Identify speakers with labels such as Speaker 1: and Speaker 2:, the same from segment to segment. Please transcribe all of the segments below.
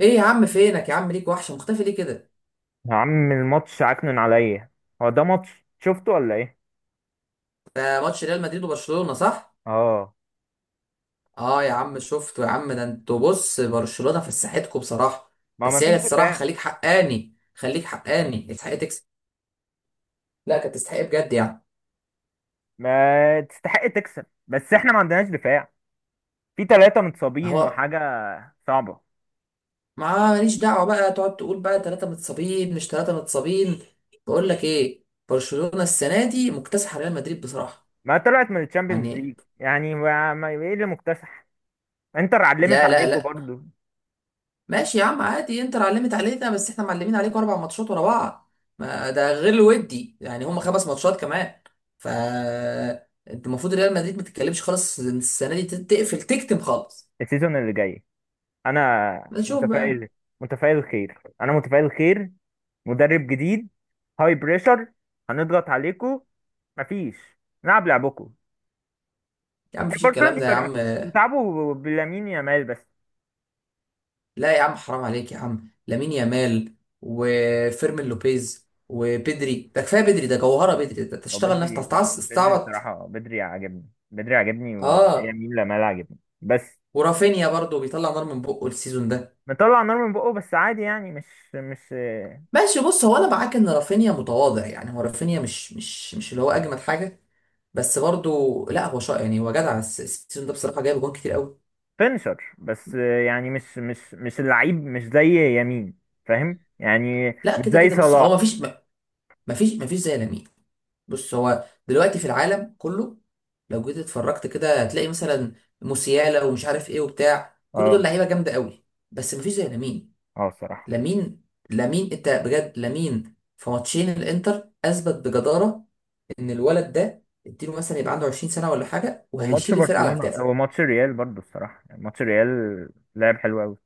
Speaker 1: ايه يا عم؟ فينك يا عم؟ ليك وحشه، مختفي ليه كده؟
Speaker 2: يا عم الماتش عكنن عليا. هو ده ماتش شفته ولا ايه؟
Speaker 1: ده ماتش ريال مدريد وبرشلونه، صح؟
Speaker 2: اه،
Speaker 1: اه يا عم شفته يا عم، ده انتوا، بص، برشلونه فسحتكم بصراحه.
Speaker 2: ما ما
Speaker 1: بس هي
Speaker 2: فيش
Speaker 1: الصراحه،
Speaker 2: دفاع.
Speaker 1: خليك حقاني خليك حقاني، تستحق تكسب. لا، كانت تستحق بجد يعني.
Speaker 2: ما تستحق تكسب، بس احنا ما عندناش دفاع. في ثلاثة
Speaker 1: ما
Speaker 2: متصابين
Speaker 1: هو.
Speaker 2: وحاجة صعبة.
Speaker 1: ما ماليش دعوه بقى تقعد تقول بقى 3 متصابين مش 3 متصابين. بقول لك ايه، برشلونه السنه دي مكتسحه ريال مدريد بصراحه.
Speaker 2: ما طلعت من الشامبيونز
Speaker 1: يعني.
Speaker 2: ليج يعني ايه اللي مكتسح؟ انتر علمت
Speaker 1: لا لا
Speaker 2: عليكم
Speaker 1: لا.
Speaker 2: برضو.
Speaker 1: ماشي يا عم، عادي، انتر علمت علينا بس احنا معلمين عليكم 4 ماتشات ورا بعض. ما ده غير الودي، يعني هم 5 ماتشات كمان. ف انت المفروض ريال مدريد ما تتكلمش خالص السنه دي، تقفل تكتم خالص.
Speaker 2: السيزون اللي جاي انا
Speaker 1: نشوف بقى.
Speaker 2: متفائل. متفائل خير، انا متفائل خير. مدرب جديد، هاي بريشر، هنضغط عليكم. مفيش، نلعب لعبكم.
Speaker 1: يا عم
Speaker 2: يعني
Speaker 1: مفيش
Speaker 2: برشلونة
Speaker 1: الكلام
Speaker 2: دي
Speaker 1: ده يا
Speaker 2: فرقة
Speaker 1: عم.
Speaker 2: بتلعبوا بلامين يامال بس.
Speaker 1: لا يا عم، حرام عليك يا عم، لامين يامال وفيرمين لوبيز وبدري، ده كفايه، بدري ده جوهره، بدري ده
Speaker 2: هو
Speaker 1: تشتغل نفسك.
Speaker 2: بدري
Speaker 1: تستعبط.
Speaker 2: بصراحة، بدري عاجبني، بدري عاجبني
Speaker 1: اه.
Speaker 2: ويمين لامال عاجبني بس.
Speaker 1: ورافينيا برضو بيطلع نار من بقه السيزون ده.
Speaker 2: مطلع نار من بقه بس عادي، يعني مش
Speaker 1: ماشي، بص، هو انا معاك ان رافينيا متواضع، يعني هو رافينيا مش اللي هو اجمد حاجه. بس برضو، لا هو شاطر، يعني هو جدع، السيزون ده بصراحه جايب جون كتير قوي.
Speaker 2: فينشر بس، يعني مش اللعيب، مش زي يمين. فاهم؟ يعني
Speaker 1: لا
Speaker 2: مش
Speaker 1: كده
Speaker 2: زي
Speaker 1: كده، بص،
Speaker 2: صلاح.
Speaker 1: هو مفيش زي لامين. بص هو دلوقتي في العالم كله، لو جيت اتفرجت كده هتلاقي مثلا موسيالا ومش عارف ايه وبتاع، كل دول
Speaker 2: اه.
Speaker 1: لعيبه جامده قوي، بس مفيش زي لامين.
Speaker 2: اه الصراحة.
Speaker 1: لامين. لامين انت بجد، لامين في ماتشين الانتر اثبت بجداره ان الولد ده، اديله مثلا يبقى عنده 20 سنه ولا حاجه،
Speaker 2: وماتش
Speaker 1: وهيشيل الفرقه على
Speaker 2: برشلونة
Speaker 1: كتافه.
Speaker 2: وماتش ريال برضو الصراحة، يعني ماتش ريال لعب حلو قوي.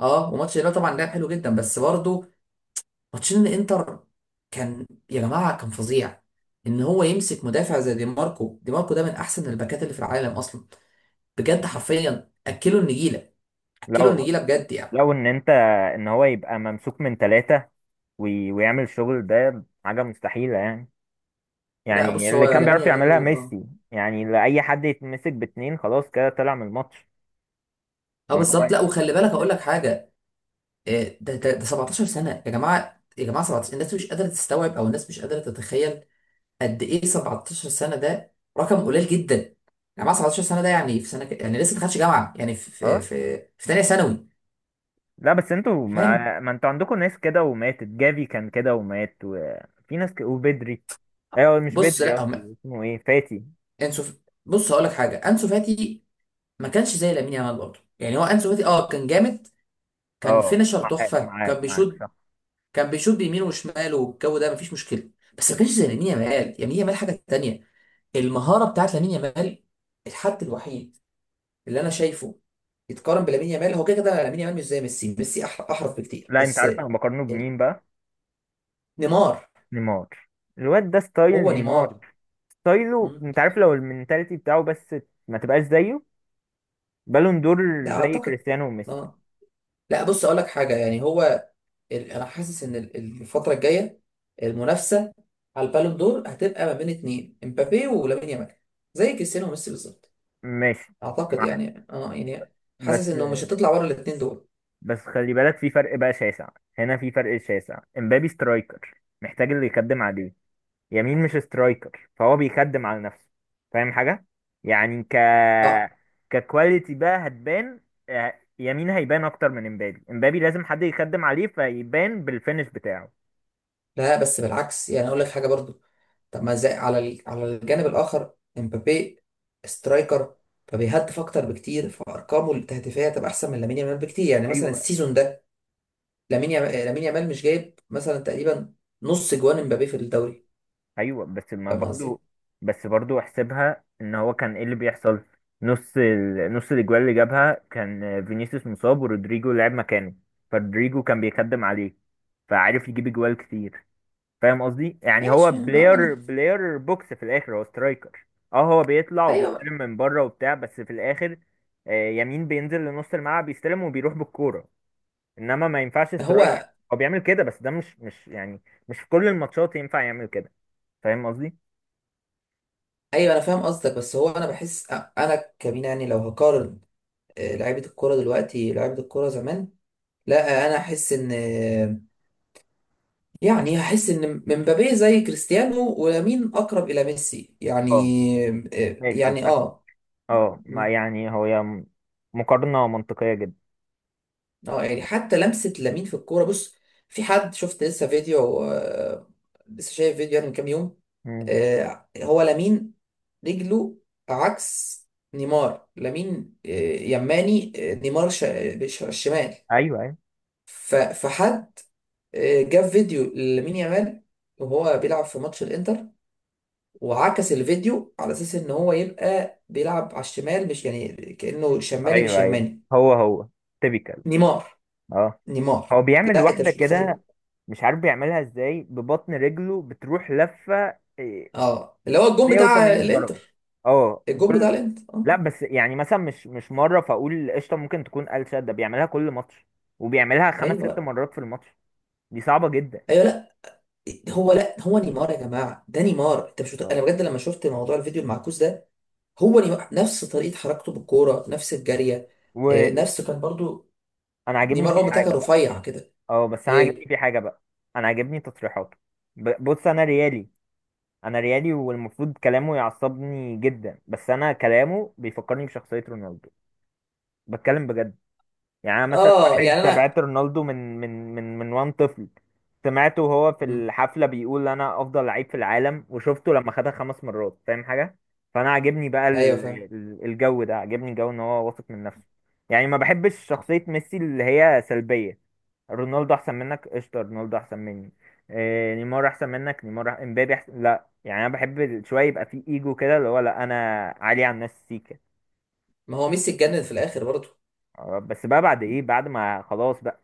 Speaker 1: اه، وماتش الهلال طبعا لعب حلو جدا، بس برضه ماتشين الانتر كان يا جماعه كان فظيع، ان هو يمسك مدافع زي دي ماركو، دي ماركو ده من احسن الباكات اللي في العالم اصلا، بجد حرفيا اكلوا النجيله، اكلوا
Speaker 2: لو
Speaker 1: النجيله بجد يعني.
Speaker 2: لو ان انت ان هو يبقى ممسوك من ثلاثة ويعمل الشغل ده، حاجة مستحيلة يعني.
Speaker 1: لا،
Speaker 2: يعني
Speaker 1: بص، هو
Speaker 2: اللي كان
Speaker 1: لامين
Speaker 2: بيعرف يعملها
Speaker 1: يامال، اه.
Speaker 2: ميسي. يعني لأي حد يتمسك باتنين خلاص كده طلع من الماتش.
Speaker 1: اه
Speaker 2: ان هو
Speaker 1: بالظبط، لا
Speaker 2: يتمسك
Speaker 1: وخلي بالك اقول لك
Speaker 2: بثلاثة.
Speaker 1: حاجه، ده 17 سنه يا جماعه، يا جماعه 17، الناس مش قادره تستوعب، او الناس مش قادره تتخيل قد ايه 17 سنه، ده رقم قليل جدا. انا مع 17 سنه ده، يعني في سنه يعني لسه ما دخلتش جامعه، يعني
Speaker 2: اه.
Speaker 1: في ثانيه ثانوي.
Speaker 2: لا بس انتوا
Speaker 1: فاهم.
Speaker 2: ما انتوا عندكم ناس كده، وماتت جافي كان كده ومات، وفي ناس ك... وبدري. ايوه، مش
Speaker 1: بص
Speaker 2: بدري،
Speaker 1: لا هم،
Speaker 2: قصدي اسمه ايه، فاتي.
Speaker 1: انسو ف- بص هقول لك حاجه، انسو فاتي ما كانش زي لامين يامال برضه، يعني هو انسو فاتي اه كان جامد، كان
Speaker 2: اه،
Speaker 1: فينشر
Speaker 2: معاك
Speaker 1: تحفه،
Speaker 2: معاك
Speaker 1: كان
Speaker 2: معاك
Speaker 1: بيشوط،
Speaker 2: صح.
Speaker 1: كان بيشوط بيمينه وشماله والجو ده مفيش مشكله، بس ما كانش زي لامين يامال. لامين يامال حاجه تانيه. المهاره بتاعت لامين يامال، الحد الوحيد اللي انا شايفه يتقارن بلامين يامال هو، كده كده لامين يامال مش زي ميسي، ميسي احرف بكتير
Speaker 2: لا انت
Speaker 1: بس.
Speaker 2: عارف انا بقارنه
Speaker 1: ال-
Speaker 2: بمين بقى؟
Speaker 1: نيمار.
Speaker 2: نيمار. الواد ده ستايل
Speaker 1: هو
Speaker 2: نيمار،
Speaker 1: نيمار.
Speaker 2: ستايله.
Speaker 1: مم.
Speaker 2: انت عارف لو المنتاليتي بتاعه بس، ما تبقاش زيه. بالون دور
Speaker 1: ده
Speaker 2: زي
Speaker 1: اعتقد.
Speaker 2: كريستيانو وميسي.
Speaker 1: اه، لا بص اقول لك حاجه، يعني هو، انا حاسس ان الفتره الجايه، المنافسه على البالون دور هتبقى ما بين اتنين، امبابي ولامين يامال، زي كريستيانو وميسي بالظبط.
Speaker 2: ماشي،
Speaker 1: اعتقد
Speaker 2: معاك.
Speaker 1: يعني اه يعني،
Speaker 2: بس،
Speaker 1: حاسس انه مش هتطلع بره الاتنين دول.
Speaker 2: بس خلي بالك في فرق بقى شاسع. هنا في فرق شاسع. امبابي سترايكر محتاج اللي يخدم عليه. يمين مش سترايكر، فهو بيخدم على نفسه. فاهم حاجة؟ يعني ك
Speaker 1: اه،
Speaker 2: ككواليتي بقى هتبان. يمين هيبان اكتر من امبابي. امبابي لازم حد يخدم عليه فيبان بالفينش بتاعه.
Speaker 1: لا بس بالعكس، يعني اقول لك حاجه برضو. طب ما زي، على الجانب الاخر، امبابي سترايكر فبيهدف اكتر بكتير، فارقامه التهديفيه هتبقى احسن من لامين يامال بكتير، يعني مثلا
Speaker 2: ايوه،
Speaker 1: السيزون ده لامين يا- لامين يامال مش جايب مثلا تقريبا نص جوان امبابي في الدوري.
Speaker 2: ايوه بس ما
Speaker 1: فاهم قصدي.
Speaker 2: برضو، بس برضو احسبها ان هو كان ايه اللي بيحصل. نص ال... نص الاجوال اللي جابها كان فينيسيوس مصاب ورودريجو لعب مكانه، فرودريجو كان بيخدم عليه فعارف يجيب اجوال كتير. فاهم قصدي؟ يعني هو
Speaker 1: ماشي اه. ما انا.
Speaker 2: بلاير بلاير بوكس، في الاخر هو سترايكر. اه، هو بيطلع وبيستلم
Speaker 1: ايوه.
Speaker 2: من بره وبتاع بس في الاخر، يمين بينزل لنص الملعب يستلم وبيروح بالكوره، انما ما ينفعش سترايكر.
Speaker 1: هو.
Speaker 2: هو بيعمل كده بس ده مش يعني، مش في كل الماتشات ينفع يعمل كده. فاهم قصدي؟
Speaker 1: ايوه انا فاهم قصدك، بس هو انا بحس انا كمين يعني، لو هقارن لعيبه الكوره دلوقتي، لعيبه الكوره زمان، لا انا احس ان، يعني هحس ان مبابي زي كريستيانو ولامين اقرب الى ميسي
Speaker 2: اه.
Speaker 1: يعني. آه،
Speaker 2: ماشي،
Speaker 1: يعني
Speaker 2: فاهمة.
Speaker 1: اه
Speaker 2: اه، ما
Speaker 1: مم.
Speaker 2: يعني هو يا، مقارنة منطقية جدا.
Speaker 1: اه، يعني حتى لمسه لامين في الكوره، بص، في حد، شفت لسه فيديو، لسه شايف فيديو يعني من كام يوم.
Speaker 2: مم.
Speaker 1: هو لامين رجله عكس نيمار. لامين يماني، نيمار الشمال.
Speaker 2: ايوه، ايوه،
Speaker 1: فحد جاب فيديو لامين يامال وهو بيلعب في ماتش الانتر، وعكس الفيديو على اساس ان هو يبقى بيلعب على الشمال، مش يعني، كانه شمالي مش
Speaker 2: ايوه، ايوه.
Speaker 1: يماني.
Speaker 2: هو هو تيبيكال.
Speaker 1: نيمار.
Speaker 2: اه.
Speaker 1: نيمار.
Speaker 2: هو بيعمل
Speaker 1: لا انت
Speaker 2: واحدة
Speaker 1: مش متخيل.
Speaker 2: كده، مش عارف بيعملها ازاي، ببطن رجله بتروح لفة
Speaker 1: اه، اللي هو الجون بتاع
Speaker 2: 180 درجة.
Speaker 1: الانتر.
Speaker 2: اه
Speaker 1: الجون بتاع
Speaker 2: الجول.
Speaker 1: الانتر، اه.
Speaker 2: لا بس يعني مثلا مش مرة فاقول قشطة ممكن تكون قال، ده بيعملها كل ماتش وبيعملها خمس
Speaker 1: ايوه
Speaker 2: ست
Speaker 1: بقى.
Speaker 2: مرات في الماتش. دي صعبة جدا.
Speaker 1: ايوه، لا هو، لا هو نيمار يا جماعه، ده نيمار، انت مش انا
Speaker 2: اه.
Speaker 1: بجد لما شفت موضوع الفيديو المعكوس ده، هو نيمار نفس طريقه حركته بالكوره، نفس الجاريه، آه،
Speaker 2: وانا
Speaker 1: نفس كان برضو
Speaker 2: عاجبني
Speaker 1: نيمار
Speaker 2: فيه
Speaker 1: اول ما كان
Speaker 2: حاجة.
Speaker 1: رفيع كده.
Speaker 2: اه بس انا عاجبني
Speaker 1: ايه.
Speaker 2: في حاجه بقى. انا عاجبني تصريحاته. بص انا ريالي. انا ريالي والمفروض كلامه يعصبني جدا، بس انا كلامه بيفكرني بشخصيه رونالدو. بتكلم بجد. يعني انا مثلا
Speaker 1: اه
Speaker 2: واحد
Speaker 1: يعني انا.
Speaker 2: تابعت رونالدو من وان طفل. سمعته وهو في
Speaker 1: مم.
Speaker 2: الحفله بيقول انا افضل لعيب في العالم، وشفته لما خدها خمس مرات. فاهم حاجه؟ فانا عاجبني بقى
Speaker 1: ايوه فاهم.
Speaker 2: الجو ده، عاجبني جو ان هو واثق من نفسه. يعني ما بحبش شخصيه ميسي اللي هي سلبيه. رونالدو احسن منك قشطه، رونالدو احسن مني، إيه نيمار احسن منك، نيمار امبابي احسن، لا يعني انا بحب شويه يبقى في ايجو كده، اللي هو لا انا عالي على الناس سيكا.
Speaker 1: ما هو ميسي اتجنن في الاخر برضه.
Speaker 2: بس بقى بعد ايه، بعد ما خلاص بقى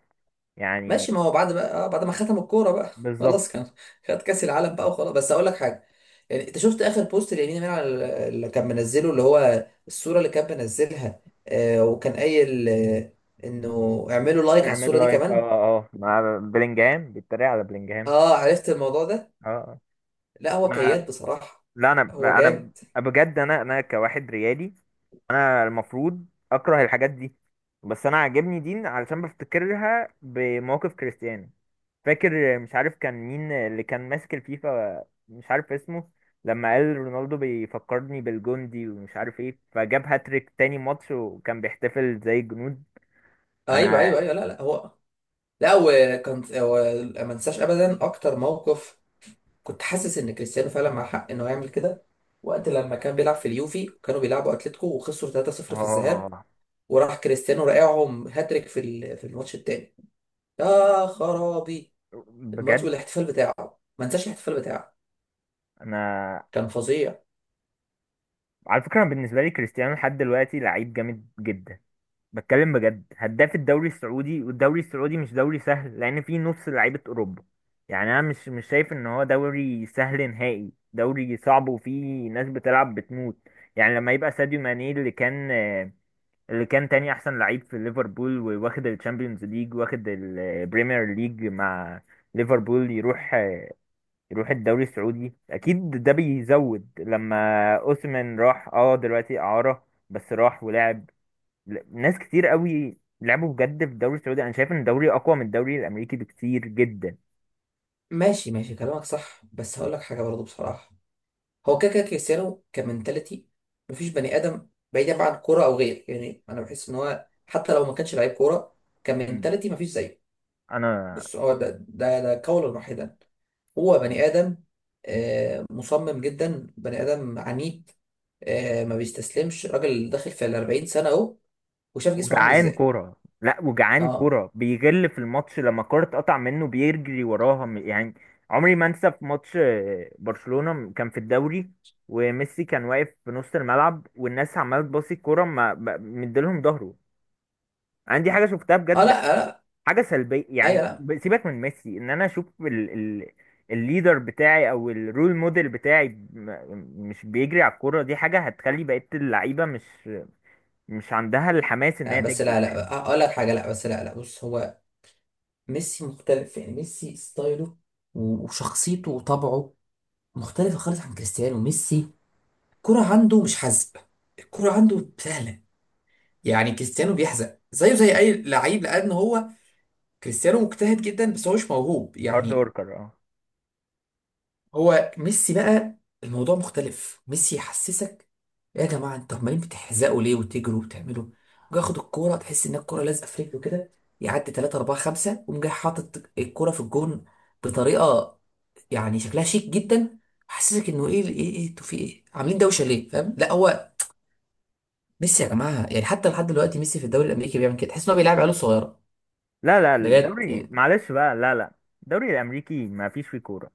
Speaker 1: ماشي،
Speaker 2: يعني.
Speaker 1: ما هو بعد بقى، بعد ما ختم الكوره بقى
Speaker 2: بالظبط.
Speaker 1: خلاص، كان خد كاس العالم بقى وخلاص. بس اقول لك حاجه، يعني انت شفت اخر بوست لامين يامال على اللي كان منزله، اللي هو الصوره اللي كان منزلها، آه وكان قايل آه انه اعملوا لايك على الصوره
Speaker 2: يعملوا
Speaker 1: دي
Speaker 2: لايك اه.
Speaker 1: كمان.
Speaker 2: اه مع بلينجهام، بيتريق على بلينجهام.
Speaker 1: اه عرفت الموضوع ده.
Speaker 2: اه. آه.
Speaker 1: لا هو
Speaker 2: انا،
Speaker 1: كياد بصراحه.
Speaker 2: لا انا،
Speaker 1: هو
Speaker 2: انا
Speaker 1: جامد.
Speaker 2: بجد انا، انا كواحد ريالي انا المفروض اكره الحاجات دي، بس انا عاجبني دي علشان بفتكرها بمواقف كريستيانو. فاكر مش عارف كان مين اللي كان ماسك الفيفا، مش عارف اسمه، لما قال رونالدو بيفكرني بالجندي ومش عارف ايه، فجاب هاتريك تاني ماتش وكان بيحتفل زي الجنود.
Speaker 1: ايوه
Speaker 2: انا،
Speaker 1: ايوه ايوه، لا لا هو، لا وكان هو، ما انساش ابدا اكتر موقف، كنت حاسس ان كريستيانو فعلا مع حق انه يعمل كده، وقت لما كان بيلعب في اليوفي وكانوا بيلعبوا اتلتيكو وخسروا 3-0 في الذهاب،
Speaker 2: اه
Speaker 1: وراح كريستيانو راقعهم هاتريك، في الماتش التاني. يا خرابي الماتش
Speaker 2: بجد.
Speaker 1: والاحتفال بتاعه، ما انساش الاحتفال بتاعه،
Speaker 2: انا،
Speaker 1: كان فظيع.
Speaker 2: على فكرة أنا بالنسبة لي كريستيانو لحد دلوقتي لعيب جامد جدا. بتكلم بجد. هداف الدوري السعودي، والدوري السعودي مش دوري سهل لان فيه نص لعيبه اوروبا. يعني انا مش شايف ان هو دوري سهل نهائي، دوري صعب وفيه ناس بتلعب بتموت. يعني لما يبقى ساديو ماني اللي كان، اللي كان تاني احسن لعيب في ليفربول وواخد الشامبيونز ليج واخد البريمير ليج مع ليفربول، يروح، يروح الدوري السعودي، اكيد ده بيزود. لما اوسمن راح، اه دلوقتي اعاره بس راح ولعب. ناس كتير قوي لعبوا بجد في الدوري السعودي. انا شايف ان الدوري اقوى من الدوري الامريكي بكتير جدا.
Speaker 1: ماشي، ماشي كلامك صح، بس هقول لك حاجه برضه بصراحه، هو كده كده كريستيانو كمنتاليتي مفيش بني ادم، بعيدا بقى عن كوره او غير، يعني انا بحس ان هو حتى لو ما كانش لعيب كوره،
Speaker 2: مم.
Speaker 1: كمنتاليتي مفيش زيه.
Speaker 2: انا،
Speaker 1: بص هو ده قولا واحدا، هو بني آدم، مصمم جدا، بني آدم عنيد، ما بيستسلمش، راجل داخل في ال 40 سنة أهو، وشاف جسمه عامل
Speaker 2: وجعان
Speaker 1: إزاي.
Speaker 2: كوره، لا وجعان
Speaker 1: اه.
Speaker 2: كوره، بيغل في الماتش لما الكوره تقطع منه بيجري وراها يعني. عمري ما انسى في ماتش برشلونة كان في الدوري، وميسي كان واقف في نص الملعب والناس عماله تباصي الكوره ما مديلهم ظهره. انا دي حاجه شفتها
Speaker 1: اه
Speaker 2: بجد،
Speaker 1: لا، لا.
Speaker 2: حاجه سلبيه
Speaker 1: ايوه
Speaker 2: يعني.
Speaker 1: لا
Speaker 2: سيبك من ميسي، ان انا اشوف ال ال الليدر بتاعي او الرول موديل بتاعي مش بيجري على الكوره، دي حاجه هتخلي بقيه اللعيبه مش عندها الحماس ان
Speaker 1: لا،
Speaker 2: هي
Speaker 1: بس
Speaker 2: تجري.
Speaker 1: لا
Speaker 2: فاهم؟
Speaker 1: لا، اقول لك حاجه، لا بس لا لا، بص هو ميسي مختلف يعني، ميسي ستايله وشخصيته وطبعه مختلفه خالص عن كريستيانو. ميسي الكرة عنده مش حزق، الكرة عنده سهله، يعني كريستيانو بيحزق زيه زي اي لعيب، لان هو كريستيانو مجتهد جدا بس هو مش موهوب
Speaker 2: هارد
Speaker 1: يعني.
Speaker 2: وركر، اه.
Speaker 1: هو ميسي بقى الموضوع مختلف، ميسي يحسسك، يا جماعه انتوا عمالين بتحزقوا ليه، وتجروا وبتعملوا، جاي ياخد الكوره تحس ان الكوره لازقه في رجله كده، يعدي 3 4 5 وقوم جاي حاطط الكوره في الجون، بطريقه يعني شكلها شيك جدا، حسسك انه ايه ايه ايه انتوا في ايه عاملين دوشه ليه، فاهم، لا هو ميسي يا جماعه،
Speaker 2: فاهمك.
Speaker 1: يعني حتى لحد دلوقتي ميسي في الدوري الامريكي بيعمل كده، تحس ان هو بيلعب عيال صغيره.
Speaker 2: لا لا
Speaker 1: بجد
Speaker 2: الدوري
Speaker 1: يعني.
Speaker 2: معلش بقى، لا لا، الدوري الامريكي ما فيش فيه كوره.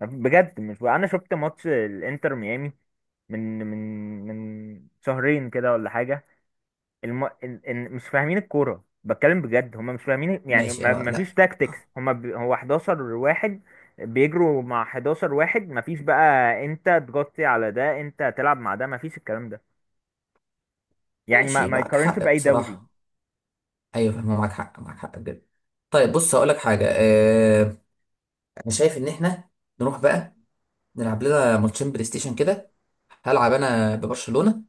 Speaker 2: بجد مش بقى. انا شفت ماتش الانتر ميامي من من من شهرين كده ولا حاجه. الم... إن... إن مش فاهمين الكورة، بتكلم بجد، هم مش فاهمين. يعني
Speaker 1: ماشي،
Speaker 2: ما
Speaker 1: اه
Speaker 2: ما
Speaker 1: لا،
Speaker 2: فيش تاكتكس، هم ب... هو 11 واحد بيجروا مع 11 واحد. ما فيش بقى انت تغطي على ده، انت تلعب مع ده، ما فيش الكلام ده. يعني ما
Speaker 1: ماشي
Speaker 2: ما
Speaker 1: معك
Speaker 2: يقارنش
Speaker 1: حق
Speaker 2: بأي دوري.
Speaker 1: بصراحة. أيوة فاهمة، معك حق معك حق بجد. طيب بص هقول لك حاجة، أنا شايف إن إحنا نروح بقى نلعب لنا ماتشين بلاي ستيشن كده، هلعب أنا ببرشلونة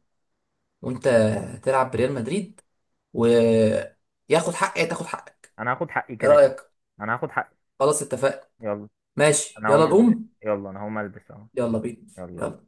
Speaker 1: وأنت تلعب بريال مدريد، وياخد حقي تاخد حقي.
Speaker 2: انا هاخد حقي
Speaker 1: إيه
Speaker 2: كده كده.
Speaker 1: رأيك؟
Speaker 2: انا هاخد حقي.
Speaker 1: خلاص اتفقنا.
Speaker 2: يلا،
Speaker 1: ماشي
Speaker 2: انا
Speaker 1: يلا
Speaker 2: هقوم البس.
Speaker 1: نقوم.
Speaker 2: يلا انا هقوم البس اهو.
Speaker 1: يلا بينا.
Speaker 2: يلا.
Speaker 1: يلا.